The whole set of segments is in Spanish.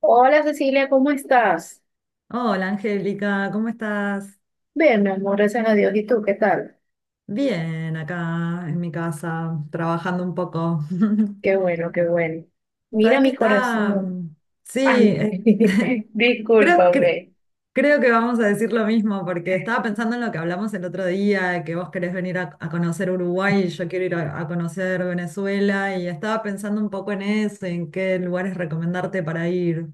Hola Cecilia, ¿cómo estás? Hola Angélica, ¿cómo estás? Bien, mi amor, gracias a Dios. ¿Y tú qué tal? Bien, acá en mi casa, trabajando un poco. Qué bueno, qué bueno. Mira ¿Sabes qué mi está? corazón. Sí, Ay, creo, cre- discúlpame. creo que vamos a decir lo mismo, porque estaba pensando en lo que hablamos el otro día, que vos querés venir a conocer Uruguay y yo quiero ir a conocer Venezuela, y estaba pensando un poco en eso, en qué lugares recomendarte para ir.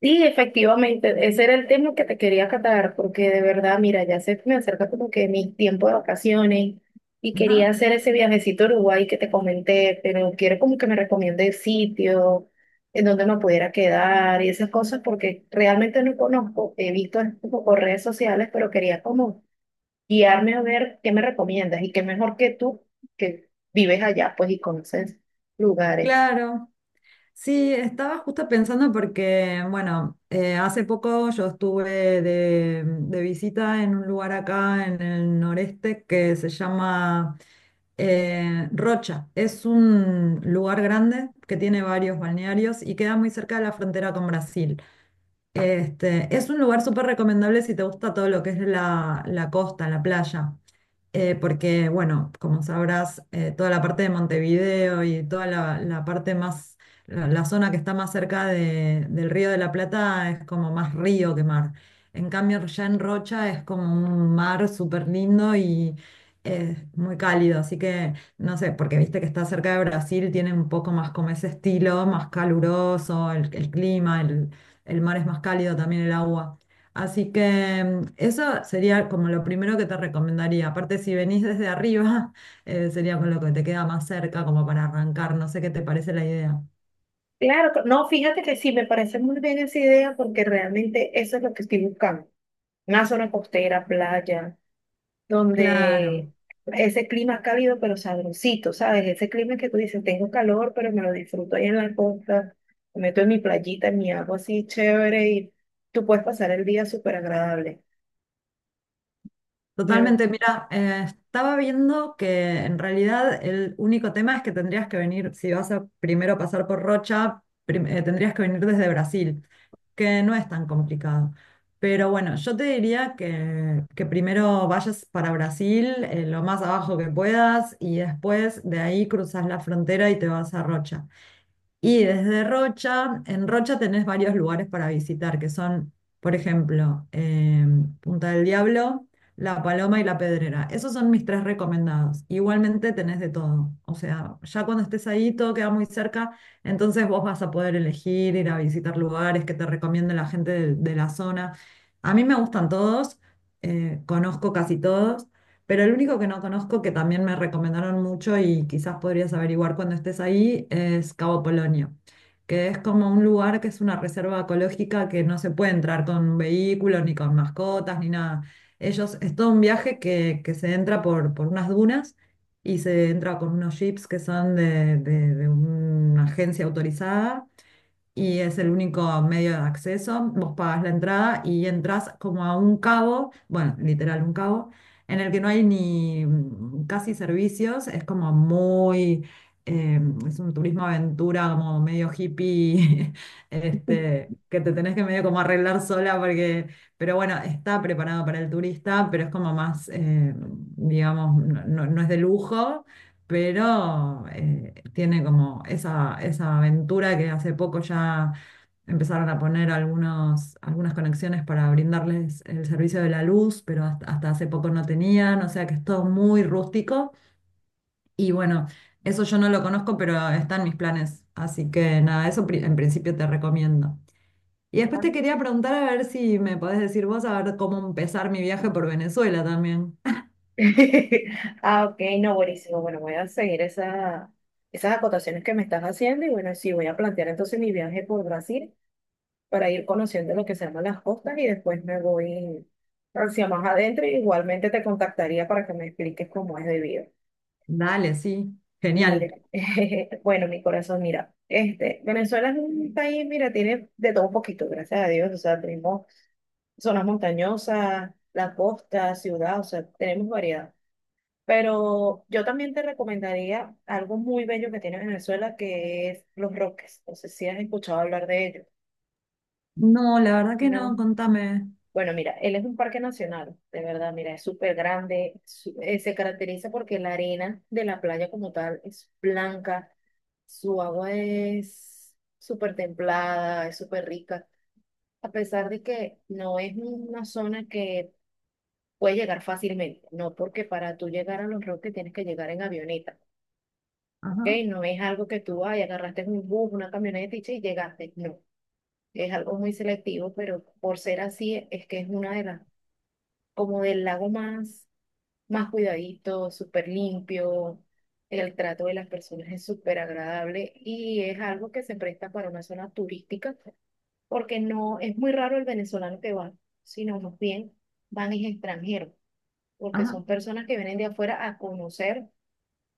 Sí, efectivamente, ese era el tema que te quería catar, porque de verdad, mira, ya se me acerca como que mi tiempo de vacaciones y quería Ajá, hacer ese viajecito a Uruguay que te comenté, pero quiero como que me recomiende sitio, en donde me pudiera quedar y esas cosas, porque realmente no conozco. He visto como por redes sociales, pero quería como guiarme a ver qué me recomiendas y qué mejor que tú que vives allá, pues, y conoces lugares. claro. Sí, estaba justo pensando porque, bueno, hace poco yo estuve de visita en un lugar acá en el noreste que se llama Rocha. Es un lugar grande que tiene varios balnearios y queda muy cerca de la frontera con Brasil. Este, es un lugar súper recomendable si te gusta todo lo que es la costa, la playa. Porque, bueno, como sabrás, toda la parte de Montevideo y toda la parte más, la zona que está más cerca del Río de la Plata es como más río que mar. En cambio, ya en Rocha es como un mar súper lindo y es muy cálido, así que, no sé, porque viste que está cerca de Brasil, tiene un poco más como ese estilo, más caluroso, el clima, el mar es más cálido también el agua. Así que eso sería como lo primero que te recomendaría. Aparte, si venís desde arriba, sería con lo que te queda más cerca, como para arrancar. No sé qué te parece la idea. Claro, no, fíjate que sí, me parece muy bien esa idea porque realmente eso es lo que estoy buscando. Una zona costera, playa, donde Claro. ese clima cálido pero sabrosito, ¿sabes? Ese clima que tú dices, tengo calor, pero me lo disfruto ahí en la costa, me meto en mi playita, en mi agua así chévere y tú puedes pasar el día súper agradable. De verdad. Totalmente, mira, estaba viendo que en realidad el único tema es que tendrías que venir, si vas a primero pasar por Rocha, tendrías que venir desde Brasil, que no es tan complicado. Pero bueno, yo te diría que primero vayas para Brasil, lo más abajo que puedas, y después de ahí cruzas la frontera y te vas a Rocha. Y desde Rocha, en Rocha tenés varios lugares para visitar, que son, por ejemplo, Punta del Diablo, La Paloma y La Pedrera. Esos son mis tres recomendados. Igualmente tenés de todo. O sea, ya cuando estés ahí, todo queda muy cerca, entonces vos vas a poder elegir, ir a visitar lugares que te recomiende la gente de la zona. A mí me gustan todos, conozco casi todos. Pero el único que no conozco, que también me recomendaron mucho y quizás podrías averiguar cuando estés ahí, es Cabo Polonio, que es como un lugar que es una reserva ecológica que no se puede entrar con un vehículo ni con mascotas, ni nada. Ellos, es todo un viaje que se entra por unas dunas y se entra con unos jeeps que son de una agencia autorizada y es el único medio de acceso. Vos pagas la entrada y entras como a un cabo, bueno, literal un cabo, en el que no hay ni casi servicios, es como muy, eh, es un turismo aventura como medio hippie, este, que te tenés que medio como arreglar sola porque, pero bueno, está preparado para el turista, pero es como más, digamos, no es de lujo, pero tiene como esa aventura, que hace poco ya empezaron a poner algunas conexiones para brindarles el servicio de la luz, pero hasta, hasta hace poco no tenían, o sea que es todo muy rústico y bueno, eso yo no lo conozco, pero está en mis planes, así que nada, en principio te recomiendo. Y después te quería preguntar a ver si me podés decir vos a ver cómo empezar mi viaje por Venezuela también. Ah, ok, no, buenísimo. Bueno, voy a seguir esa, esas acotaciones que me estás haciendo y bueno, sí, voy a plantear entonces mi viaje por Brasil para ir conociendo lo que se llaman las costas y después me voy hacia más adentro y igualmente te contactaría para que me expliques cómo es debido. Dale, sí, genial. Mire, bueno, mi corazón, mira, este, Venezuela es un país, mira, tiene de todo un poquito, gracias a Dios, o sea, tenemos zonas montañosas, la costa, ciudad, o sea, tenemos variedad. Pero yo también te recomendaría algo muy bello que tiene Venezuela, que es Los Roques. No sé si has escuchado hablar de ello, No, la verdad que no, ¿no? contame. Bueno, mira, él es un parque nacional, de verdad, mira, es súper grande, se caracteriza porque la arena de la playa como tal es blanca, su agua es súper templada, es súper rica, a pesar de que no es una zona que puede llegar fácilmente, no, porque para tú llegar a Los Roques tienes que llegar en avioneta, ¿ok? Ajá, No es algo que tú ay, agarraste un bus, una camioneta y sí, llegaste. No, es algo muy selectivo, pero por ser así, es que es una de las, como del lago más, más cuidadito, súper limpio. El trato de las personas es súper agradable y es algo que se presta para una zona turística, porque no es muy raro el venezolano que va, sino más bien van es extranjeros, porque ajá, son personas que vienen de afuera a conocer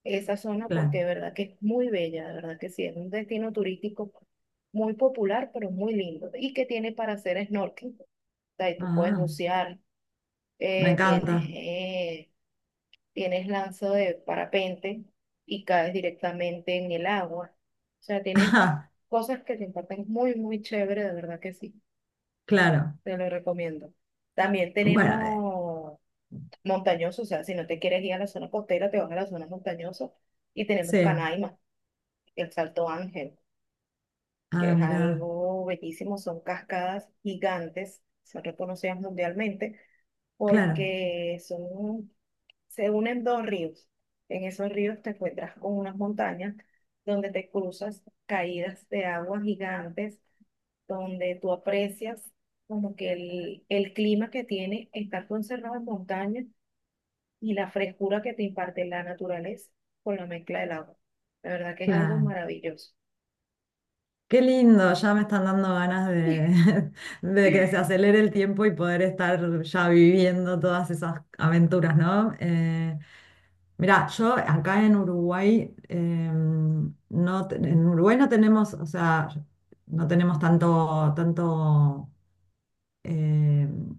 esa zona porque claro. de verdad que es muy bella, de verdad que sí, es un destino turístico muy popular, pero muy lindo. ¿Y que tiene para hacer snorkeling? O sea, y tú puedes Ah, bucear, me eh, tienes, encanta. eh, tienes lanza de parapente y caes directamente en el agua. O sea, tiene Ajá, cosas que te imparten muy, muy chévere, de verdad que sí, claro. te lo recomiendo. También Bueno, tenemos montañosos, o sea, si no te quieres ir a la zona costera, te vas a la zona montañosa y tenemos sí. Canaima, el Salto Ángel, que Ah, es mira, algo bellísimo, son cascadas gigantes, son reconocidas mundialmente claro, porque son, se unen dos ríos. En esos ríos te encuentras con unas montañas donde te cruzas caídas de agua gigantes, donde tú aprecias como que el clima que tiene estar conservado en montaña y la frescura que te imparte la naturaleza con la mezcla del agua. La verdad que es algo claro. maravilloso. Qué lindo, ya me están dando ganas de, de que se acelere el tiempo y poder estar ya viviendo todas esas aventuras, ¿no? Mirá, yo acá en Uruguay, no, en Uruguay no tenemos, o sea, no tenemos tanto, tanto em,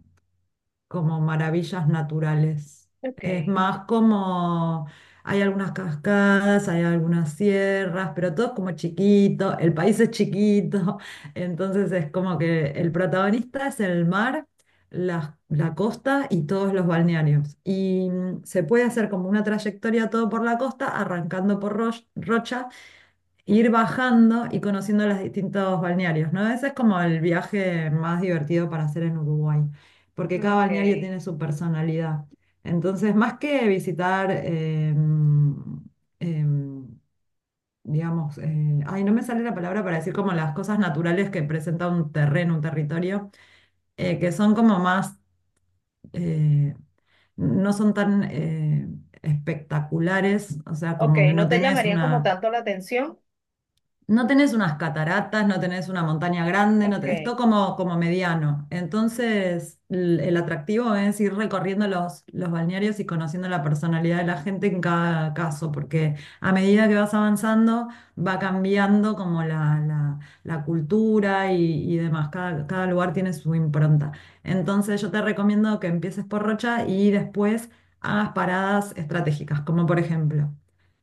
como maravillas naturales. Ok. Es más como hay algunas cascadas, hay algunas sierras, pero todo es como chiquito, el país es chiquito, entonces es como que el protagonista es el mar, la costa y todos los balnearios. Y se puede hacer como una trayectoria todo por la costa, arrancando por Rocha, ir bajando y conociendo los distintos balnearios, ¿no? Ese es como el viaje más divertido para hacer en Uruguay, porque cada Ok, balneario tiene su personalidad. Entonces, más que visitar, em, digamos, ay, no me sale la palabra para decir como las cosas naturales que presenta un terreno, un territorio, que son como más, eh, no son tan espectaculares, o sea, ok, como que no no te tenés llamarían como una, tanto la atención. no tenés unas cataratas, no tenés una montaña grande, no Ok, tenés todo como, como mediano. Entonces, el atractivo es ir recorriendo los balnearios y conociendo la personalidad de la gente en cada caso, porque a medida que vas avanzando, va cambiando como la cultura y demás. Cada, cada lugar tiene su impronta. Entonces, yo te recomiendo que empieces por Rocha y después hagas paradas estratégicas, como por ejemplo.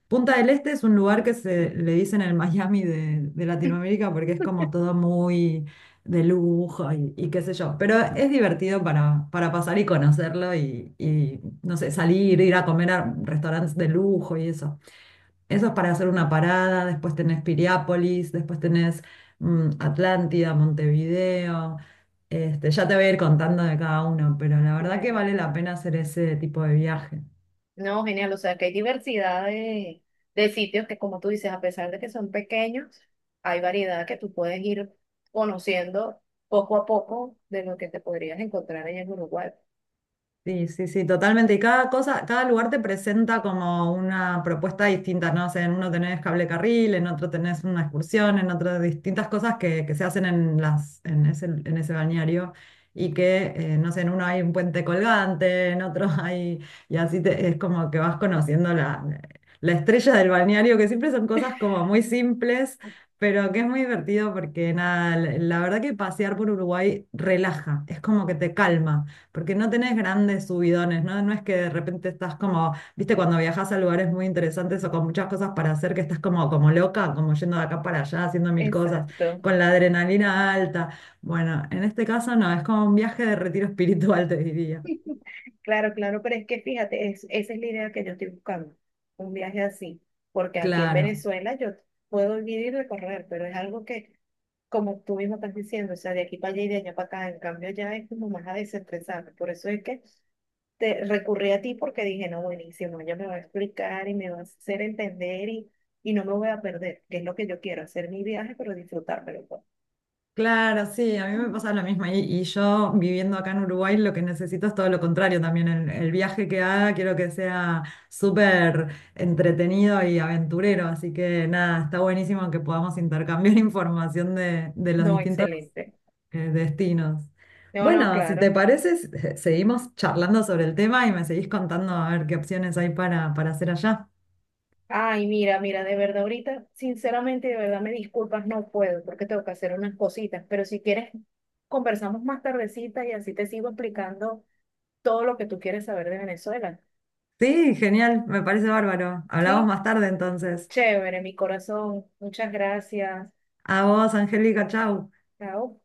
Punta del Este es un lugar que se le dicen el Miami de Latinoamérica porque es como todo muy de lujo y qué sé yo. Pero es divertido para pasar y conocerlo y, no sé, salir, ir a comer a restaurantes de lujo y eso. Eso es para hacer una parada. Después tenés Piriápolis, después tenés Atlántida, Montevideo. Este, ya te voy a ir contando de cada uno, pero la verdad que claro. vale la pena hacer ese tipo de viaje. No, genial, o sea que hay diversidad de sitios que como tú dices, a pesar de que son pequeños, hay variedad que tú puedes ir conociendo poco a poco de lo que te podrías encontrar allá en Uruguay. Sí, sí, sí, totalmente. Y cada cosa, cada lugar te presenta como una propuesta distinta, ¿no? O sea, en uno tenés cable carril, en otro tenés una excursión, en otro distintas cosas que se hacen en las, en ese balneario y que, no sé, en uno hay un puente colgante, en otro hay, y así es como que vas conociendo la estrella del balneario, que siempre son cosas como muy simples, pero que es muy divertido porque nada, la verdad que pasear por Uruguay relaja, es como que te calma. Porque no tenés grandes subidones, ¿no? No es que de repente estás como, viste, cuando viajas a lugares muy interesantes o con muchas cosas para hacer, que estás como, como loca, como yendo de acá para allá, haciendo mil cosas, Exacto. con la adrenalina alta. Bueno, en este caso no, es como un viaje de retiro espiritual, te diría. Claro, claro, pero es que fíjate, es, esa es la idea que yo estoy buscando, un viaje así, porque aquí en Claro. Venezuela yo puedo vivir y recorrer, pero es algo que, como tú mismo estás diciendo, o sea, de aquí para allá y de allá para acá, en cambio ya es como más a desestresarme, por eso es que te recurrí a ti porque dije, no, buenísimo, ella me va a explicar y me va a hacer entender y no me voy a perder, que es lo que yo quiero, hacer mi viaje, pero disfrutármelo, pues. Claro, sí, a mí me pasa lo mismo. Y yo viviendo acá en Uruguay lo que necesito es todo lo contrario también. El viaje que haga quiero que sea súper entretenido y aventurero. Así que nada, está buenísimo que podamos intercambiar información de los No, distintos excelente. Destinos. No, no, Bueno, si te claro. parece, seguimos charlando sobre el tema y me seguís contando a ver qué opciones hay para hacer allá. Ay, mira, mira, de verdad, ahorita, sinceramente, de verdad, me disculpas, no puedo porque tengo que hacer unas cositas, pero si quieres, conversamos más tardecita y así te sigo explicando todo lo que tú quieres saber de Venezuela. Sí, genial, me parece bárbaro. Hablamos ¿Sí? más tarde entonces. Chévere, mi corazón. Muchas gracias. A vos, Angélica, chau. Chao.